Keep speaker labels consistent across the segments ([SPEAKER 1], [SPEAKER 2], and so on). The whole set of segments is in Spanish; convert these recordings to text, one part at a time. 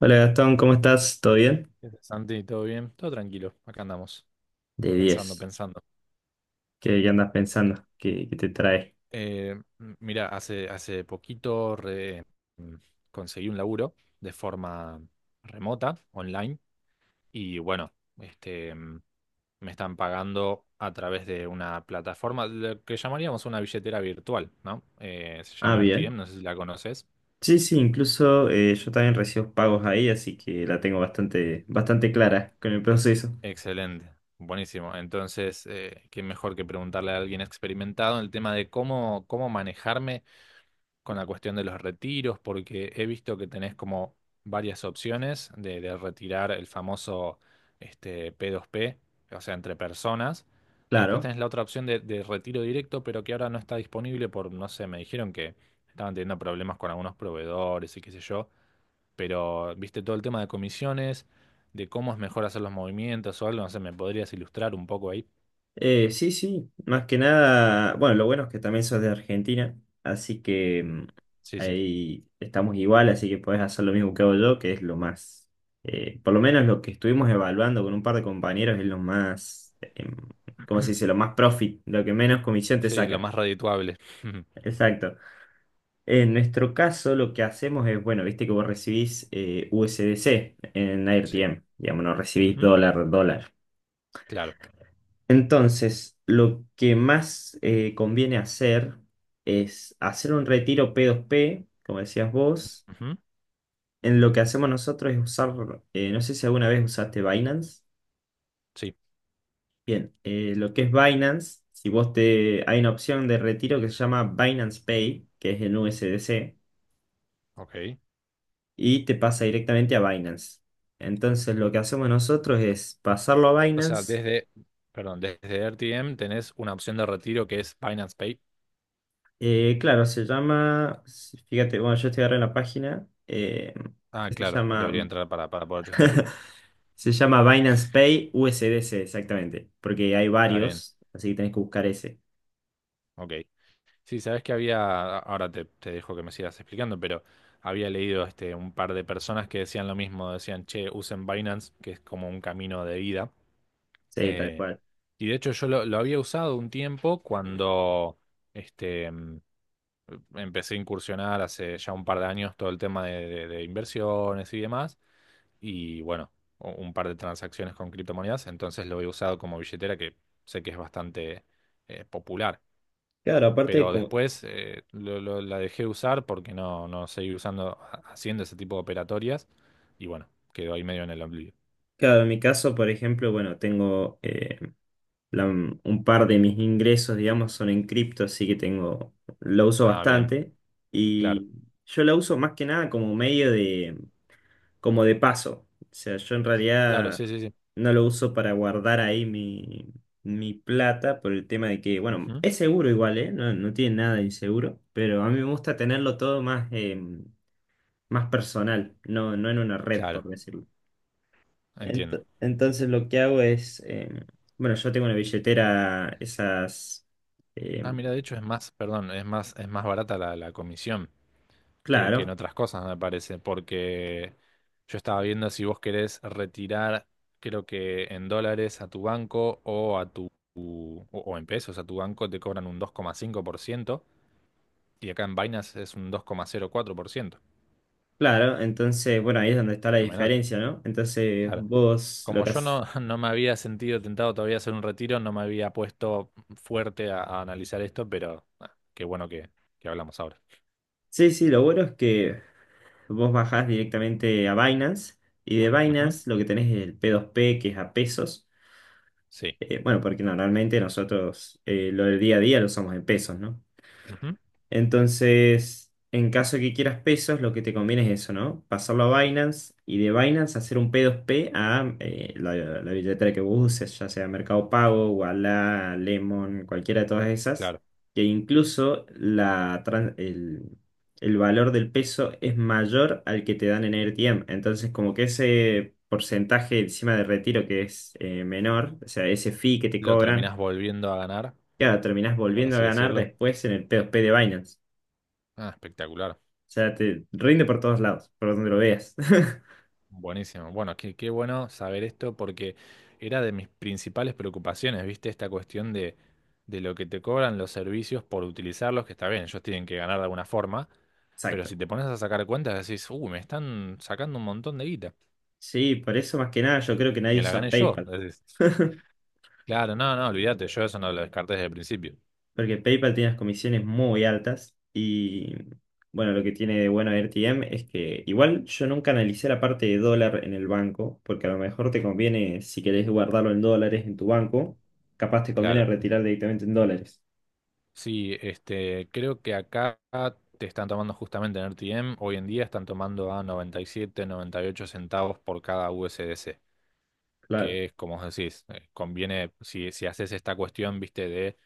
[SPEAKER 1] Hola Gastón, ¿cómo estás? ¿Todo bien?
[SPEAKER 2] ¿Qué haces, Santi? ¿Todo bien? Todo tranquilo. Acá andamos,
[SPEAKER 1] De
[SPEAKER 2] pensando,
[SPEAKER 1] 10.
[SPEAKER 2] pensando.
[SPEAKER 1] ¿Qué andas pensando? ¿Qué te trae?
[SPEAKER 2] Eh, Mira, hace poquito mm, conseguí un laburo de forma remota, online, y bueno, este, mm, me están pagando a través de una plataforma, lo que llamaríamos una billetera virtual, ¿no? Se
[SPEAKER 1] Ah,
[SPEAKER 2] llama
[SPEAKER 1] bien.
[SPEAKER 2] RTM, no sé si la conoces.
[SPEAKER 1] Sí, sí, incluso yo también recibo pagos ahí, así que la tengo bastante, bastante clara con el proceso.
[SPEAKER 2] Excelente, buenísimo. Entonces, qué mejor que preguntarle a alguien experimentado en el tema de cómo manejarme con la cuestión de los retiros, porque he visto que tenés como varias opciones de retirar el famoso este, p dos p, o sea, entre personas, y después
[SPEAKER 1] Claro.
[SPEAKER 2] tenés la otra opción de retiro directo, pero que ahora no está disponible por, no sé, me dijeron que estaban teniendo problemas con algunos proveedores y qué sé yo, pero viste todo el tema de comisiones, de cómo es mejor hacer los movimientos o algo, no sé, ¿me podrías ilustrar un poco ahí?
[SPEAKER 1] Sí, sí, más que nada, bueno, lo bueno es que también sos de Argentina, así que
[SPEAKER 2] Sí, sí.
[SPEAKER 1] ahí estamos igual, así que podés hacer lo mismo que hago yo, que es lo más, por lo menos lo que estuvimos evaluando con un par de compañeros es lo más, ¿cómo se dice? Lo más profit, lo que menos comisión te
[SPEAKER 2] Sí, lo
[SPEAKER 1] saca.
[SPEAKER 2] más redituable.
[SPEAKER 1] Exacto. En nuestro caso lo que hacemos es, bueno, viste que vos recibís USDC en
[SPEAKER 2] Sí.
[SPEAKER 1] AirTM, digamos, no recibís
[SPEAKER 2] Ujú.
[SPEAKER 1] dólar, dólar.
[SPEAKER 2] Claro.
[SPEAKER 1] Entonces, lo que más conviene hacer es hacer un retiro P2P, como decías vos.
[SPEAKER 2] Ujú.
[SPEAKER 1] En lo que hacemos nosotros es usar, no sé si alguna vez usaste Binance.
[SPEAKER 2] Sí.
[SPEAKER 1] Bien, lo que es Binance, si vos te, hay una opción de retiro que se llama Binance Pay, que es en USDC,
[SPEAKER 2] Ok.
[SPEAKER 1] y te pasa directamente a Binance. Entonces, lo que hacemos nosotros es pasarlo a
[SPEAKER 2] O sea,
[SPEAKER 1] Binance.
[SPEAKER 2] desde RTM tenés una opción de retiro que es Binance Pay.
[SPEAKER 1] Claro, se llama, si, fíjate, bueno, yo estoy ahora en la página,
[SPEAKER 2] Ah,
[SPEAKER 1] que se
[SPEAKER 2] claro, debería
[SPEAKER 1] llama,
[SPEAKER 2] entrar para poder chusmearlo.
[SPEAKER 1] se llama Binance Pay USDC, exactamente, porque hay
[SPEAKER 2] Está bien,
[SPEAKER 1] varios, así que tenés que buscar ese.
[SPEAKER 2] ok. Sí, sabes que había, te dejo que me sigas explicando, pero había leído este, un par de personas que decían lo mismo, decían, che, usen Binance, que es como un camino de vida.
[SPEAKER 1] Sí, tal
[SPEAKER 2] Eh,
[SPEAKER 1] cual.
[SPEAKER 2] y de hecho lo había usado un tiempo cuando este, mm, empecé a incursionar hace ya un par de años todo el tema de de inversiones y demás. Y bueno, un par de transacciones con criptomonedas, entonces lo he usado como billetera que sé que es bastante popular.
[SPEAKER 1] Claro, aparte,
[SPEAKER 2] Pero después la dejé usar porque no seguí usando, haciendo ese tipo de operatorias, y bueno, quedó ahí medio en el oblivio.
[SPEAKER 1] claro, en mi caso, por ejemplo, bueno, tengo un par de mis ingresos, digamos, son en cripto, así que tengo, lo uso
[SPEAKER 2] Ah, bien,
[SPEAKER 1] bastante,
[SPEAKER 2] claro,
[SPEAKER 1] y yo la uso más que nada como medio, como de paso. O sea, yo en
[SPEAKER 2] claro,
[SPEAKER 1] realidad
[SPEAKER 2] sí, sí, sí.
[SPEAKER 1] no lo uso para guardar ahí mi plata por el tema de que, bueno,
[SPEAKER 2] Ujú.
[SPEAKER 1] es seguro igual, ¿eh? No, no tiene nada de inseguro, pero a mí me gusta tenerlo todo más, más personal, no, no en una red, por
[SPEAKER 2] Claro,
[SPEAKER 1] decirlo.
[SPEAKER 2] entiendo.
[SPEAKER 1] Entonces lo que hago es, bueno, yo tengo una billetera, esas, eh,
[SPEAKER 2] Ah, mira, de hecho es más, perdón, es más barata la comisión. Que en
[SPEAKER 1] claro.
[SPEAKER 2] otras cosas, me parece, porque yo estaba viendo si vos querés retirar, creo que en dólares a tu banco o a tu, o en pesos a tu banco te cobran un 2,5%, y acá en Binance es un 2,04%.
[SPEAKER 1] Claro, entonces, bueno, ahí es donde está la
[SPEAKER 2] Fenomenal.
[SPEAKER 1] diferencia, ¿no? Entonces,
[SPEAKER 2] Claro.
[SPEAKER 1] vos lo
[SPEAKER 2] Como
[SPEAKER 1] que
[SPEAKER 2] yo
[SPEAKER 1] haces...
[SPEAKER 2] no, no me había sentido tentado todavía a hacer un retiro, no me había puesto fuerte a analizar esto, pero ah, qué bueno que hablamos ahora.
[SPEAKER 1] Sí, sí, lo bueno es que vos bajás directamente a Binance, y de
[SPEAKER 2] Ujú.
[SPEAKER 1] Binance lo que tenés es el P2P, que es a pesos.
[SPEAKER 2] Sí.
[SPEAKER 1] Bueno, porque normalmente nosotros lo del día a día lo usamos en pesos, ¿no?
[SPEAKER 2] Ujú.
[SPEAKER 1] Entonces, en caso de que quieras pesos, lo que te conviene es eso, ¿no? Pasarlo a Binance y de Binance hacer un P2P a la billetera que vos uses, ya sea Mercado Pago, Ualá, Lemon, cualquiera de todas esas,
[SPEAKER 2] Claro.
[SPEAKER 1] que incluso el valor del peso es mayor al que te dan en AirTM. Entonces, como que ese porcentaje encima de retiro que es menor, o sea, ese fee que te
[SPEAKER 2] Lo
[SPEAKER 1] cobran,
[SPEAKER 2] terminás volviendo a ganar,
[SPEAKER 1] claro, terminás
[SPEAKER 2] por
[SPEAKER 1] volviendo a
[SPEAKER 2] así
[SPEAKER 1] ganar
[SPEAKER 2] decirlo.
[SPEAKER 1] después en el P2P de Binance.
[SPEAKER 2] Ah, espectacular.
[SPEAKER 1] O sea, te rinde por todos lados, por donde lo veas.
[SPEAKER 2] Buenísimo. Bueno, qué bueno saber esto porque era de mis principales preocupaciones, ¿viste? Esta cuestión de lo que te cobran los servicios por utilizarlos, que está bien, ellos tienen que ganar de alguna forma, pero si
[SPEAKER 1] Exacto.
[SPEAKER 2] te pones a sacar cuentas decís, uy, me están sacando un montón de guita
[SPEAKER 1] Sí, por eso más que nada yo creo que
[SPEAKER 2] y
[SPEAKER 1] nadie
[SPEAKER 2] me la
[SPEAKER 1] usa
[SPEAKER 2] gané yo.
[SPEAKER 1] PayPal.
[SPEAKER 2] Decís, claro, olvídate, yo eso no lo descarté desde el principio.
[SPEAKER 1] Porque PayPal tiene las comisiones muy altas, y bueno, lo que tiene de bueno RTM es que, igual, yo nunca analicé la parte de dólar en el banco, porque a lo mejor te conviene, si querés guardarlo en dólares en tu banco, capaz te conviene
[SPEAKER 2] Claro.
[SPEAKER 1] retirar directamente en dólares.
[SPEAKER 2] Sí, este, creo que acá te están tomando justamente en RTM, hoy en día están tomando a $0,97, $0,98 por cada USDC.
[SPEAKER 1] Claro,
[SPEAKER 2] Que es como vos decís, conviene, si haces esta cuestión, viste,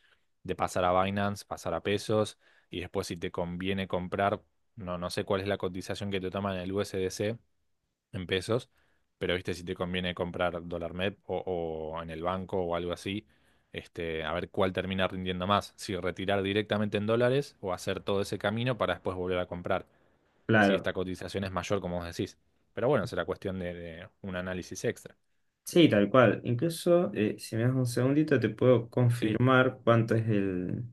[SPEAKER 2] de pasar a Binance, pasar a pesos, y después si te conviene comprar, no sé cuál es la cotización que te toman en el USDC en pesos, pero viste, si te conviene comprar dólar MEP o en el banco o algo así, este, a ver cuál termina rindiendo más, si retirar directamente en dólares o hacer todo ese camino para después volver a comprar, si
[SPEAKER 1] claro.
[SPEAKER 2] esta cotización es mayor, como vos decís. Pero bueno, será cuestión de un análisis extra.
[SPEAKER 1] Sí, tal cual. Incluso, si me das un segundito, te puedo
[SPEAKER 2] Sí,
[SPEAKER 1] confirmar cuánto es el,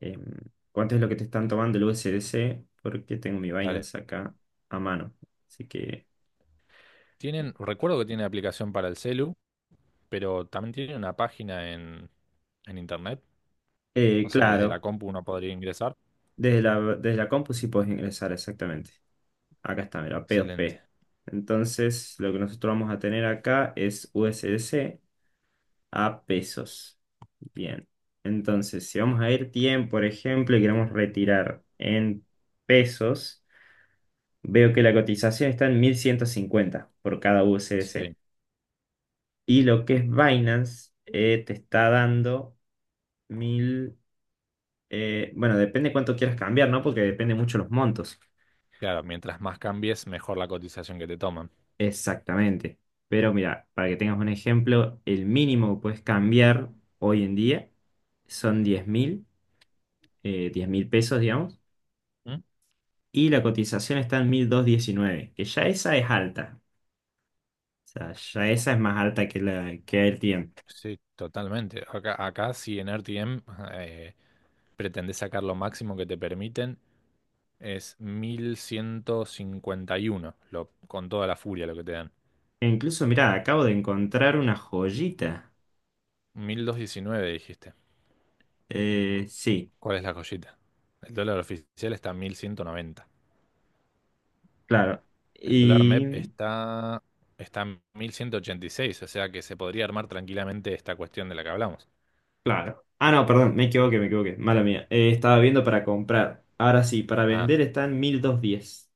[SPEAKER 1] em, cuánto es lo que te están tomando el USDC, porque tengo mi
[SPEAKER 2] dale.
[SPEAKER 1] Binance acá a mano. Así que,
[SPEAKER 2] Tienen, recuerdo que tienen aplicación para el celu, pero también tienen una página en internet. O sea, desde la
[SPEAKER 1] claro,
[SPEAKER 2] compu uno podría ingresar.
[SPEAKER 1] desde la compu sí puedes ingresar exactamente. Acá está, mira,
[SPEAKER 2] Excelente.
[SPEAKER 1] P2P. Entonces, lo que nosotros vamos a tener acá es USDC a pesos. Bien. Entonces, si vamos a ir tiempo, por ejemplo, y queremos retirar en pesos. Veo que la cotización está en 1.150 por cada
[SPEAKER 2] Sí,
[SPEAKER 1] USDC. Y lo que es Binance te está dando mil, bueno, depende cuánto quieras cambiar, ¿no? Porque depende mucho los montos.
[SPEAKER 2] claro, mientras más cambies, mejor la cotización que te toman.
[SPEAKER 1] Exactamente. Pero mira, para que tengas un ejemplo, el mínimo que puedes cambiar hoy en día son 10.000, 10 mil pesos, digamos.
[SPEAKER 2] ¿Mm?
[SPEAKER 1] Y la cotización está en 1.219, que ya esa es alta. O sea, ya esa es más alta que la que el.
[SPEAKER 2] Sí, totalmente. Acá si en RTM eh, pretendés sacar lo máximo que te permiten, es 1151, lo, con toda la furia lo que te dan.
[SPEAKER 1] E incluso, mirá, acabo de encontrar una joyita.
[SPEAKER 2] 1219 dijiste.
[SPEAKER 1] Sí,
[SPEAKER 2] ¿Cuál es la joyita? El dólar oficial está en 1190.
[SPEAKER 1] claro.
[SPEAKER 2] El dólar MEP
[SPEAKER 1] Y,
[SPEAKER 2] está en 1186, o sea que se podría armar tranquilamente esta cuestión de la que hablamos.
[SPEAKER 1] claro. Ah, no, perdón, me equivoqué, me equivoqué. Mala mía. Estaba viendo para comprar. Ahora sí, para
[SPEAKER 2] Ah,
[SPEAKER 1] vender está en 1210.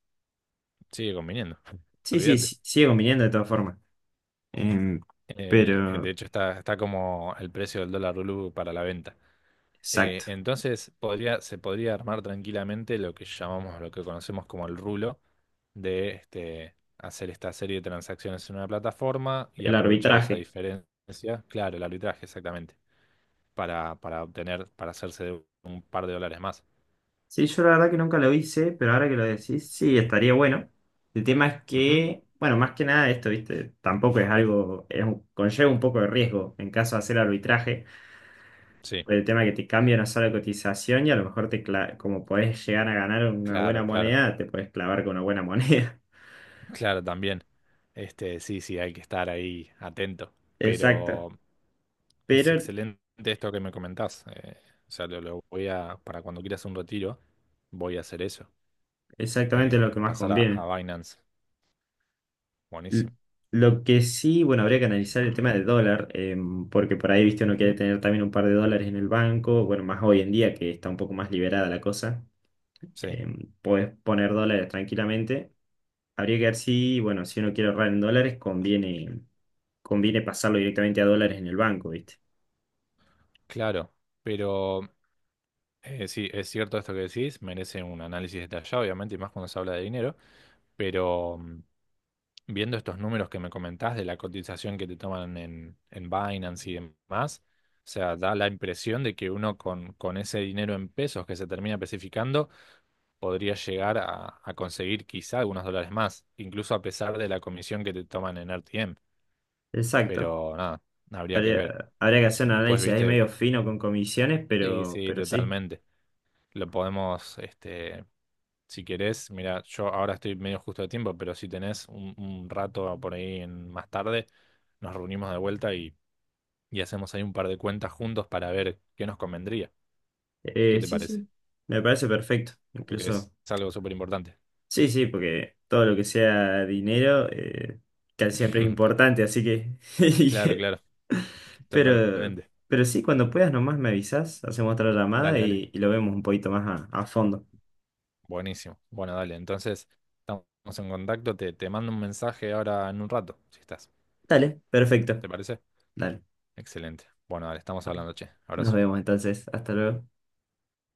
[SPEAKER 2] sigue conviniendo,
[SPEAKER 1] Sí, sí,
[SPEAKER 2] olvídate.
[SPEAKER 1] sí, sigue conviniendo de todas formas. Em,
[SPEAKER 2] De
[SPEAKER 1] pero,
[SPEAKER 2] hecho, está como el precio del dólar blue para la venta.
[SPEAKER 1] exacto.
[SPEAKER 2] Entonces, podría, se podría armar tranquilamente lo que llamamos, lo que conocemos como el rulo, de este, hacer esta serie de transacciones en una plataforma y
[SPEAKER 1] El
[SPEAKER 2] aprovechar esa
[SPEAKER 1] arbitraje.
[SPEAKER 2] diferencia, claro, el arbitraje exactamente, para obtener, para hacerse de un par de dólares más.
[SPEAKER 1] Sí, yo la verdad que nunca lo hice, pero ahora que lo decís, sí, estaría bueno. El tema es
[SPEAKER 2] Ujú.
[SPEAKER 1] que, bueno, más que nada esto, ¿viste? Tampoco es algo, conlleva un poco de riesgo en caso de hacer arbitraje.
[SPEAKER 2] Sí,
[SPEAKER 1] Por el tema que te cambia una sola cotización y, a lo mejor, como podés llegar a ganar una
[SPEAKER 2] claro,
[SPEAKER 1] buena
[SPEAKER 2] claro,
[SPEAKER 1] moneda, te podés clavar con una buena moneda.
[SPEAKER 2] claro, también. Este, sí, sí, hay que estar ahí atento.
[SPEAKER 1] Exacto.
[SPEAKER 2] Pero es
[SPEAKER 1] Pero
[SPEAKER 2] excelente esto que me comentás. O sea, para cuando quieras un retiro, voy a hacer eso.
[SPEAKER 1] exactamente lo
[SPEAKER 2] Eh,
[SPEAKER 1] que más
[SPEAKER 2] pasar
[SPEAKER 1] conviene.
[SPEAKER 2] a Binance.
[SPEAKER 1] L-
[SPEAKER 2] Buenísimo.
[SPEAKER 1] Lo que sí, bueno, habría que analizar el tema del dólar, porque por ahí, viste, uno quiere
[SPEAKER 2] Ujú.
[SPEAKER 1] tener también un par de dólares en el banco, bueno, más hoy en día que está un poco más liberada la cosa,
[SPEAKER 2] Sí,
[SPEAKER 1] podés poner dólares tranquilamente. Habría que ver si, bueno, si uno quiere ahorrar en dólares, conviene pasarlo directamente a dólares en el banco, ¿viste?
[SPEAKER 2] claro. Pero eh, sí, es cierto esto que decís, merece un análisis detallado, obviamente, y más cuando se habla de dinero, pero mm, viendo estos números que me comentás de la cotización que te toman en Binance y demás, o sea, da la impresión de que uno con ese dinero en pesos que se termina especificando podría llegar a conseguir quizá algunos dólares más, incluso a pesar de la comisión que te toman en RTM,
[SPEAKER 1] Exacto.
[SPEAKER 2] pero nada, habría que ver.
[SPEAKER 1] Habría que hacer
[SPEAKER 2] Y
[SPEAKER 1] un
[SPEAKER 2] después,
[SPEAKER 1] análisis ahí
[SPEAKER 2] viste,
[SPEAKER 1] medio fino con comisiones,
[SPEAKER 2] sí,
[SPEAKER 1] pero,
[SPEAKER 2] sí,
[SPEAKER 1] pero sí.
[SPEAKER 2] totalmente. Lo podemos, este, si querés, mira, yo ahora estoy medio justo de tiempo, pero si tenés un rato por ahí en- más tarde, nos reunimos de vuelta y hacemos ahí un par de cuentas juntos para ver qué nos convendría. ¿Qué
[SPEAKER 1] Eh,
[SPEAKER 2] te
[SPEAKER 1] sí,
[SPEAKER 2] parece?
[SPEAKER 1] sí. Me parece perfecto.
[SPEAKER 2] Porque es
[SPEAKER 1] Incluso.
[SPEAKER 2] algo súper importante.
[SPEAKER 1] Sí, sí, porque todo lo que sea dinero, casi siempre es importante, así que.
[SPEAKER 2] Claro, claro,
[SPEAKER 1] Pero,
[SPEAKER 2] totalmente.
[SPEAKER 1] pero sí, cuando puedas nomás me avisas, hacemos otra llamada
[SPEAKER 2] Dale, dale.
[SPEAKER 1] y lo vemos un poquito más a fondo.
[SPEAKER 2] Buenísimo. Bueno, dale. Entonces, estamos en contacto. Te mando un mensaje ahora en un rato, si estás.
[SPEAKER 1] Dale, perfecto.
[SPEAKER 2] ¿Te parece?
[SPEAKER 1] Dale.
[SPEAKER 2] Excelente. Bueno, dale, estamos hablando, che.
[SPEAKER 1] Nos
[SPEAKER 2] Abrazo.
[SPEAKER 1] vemos entonces. Hasta luego.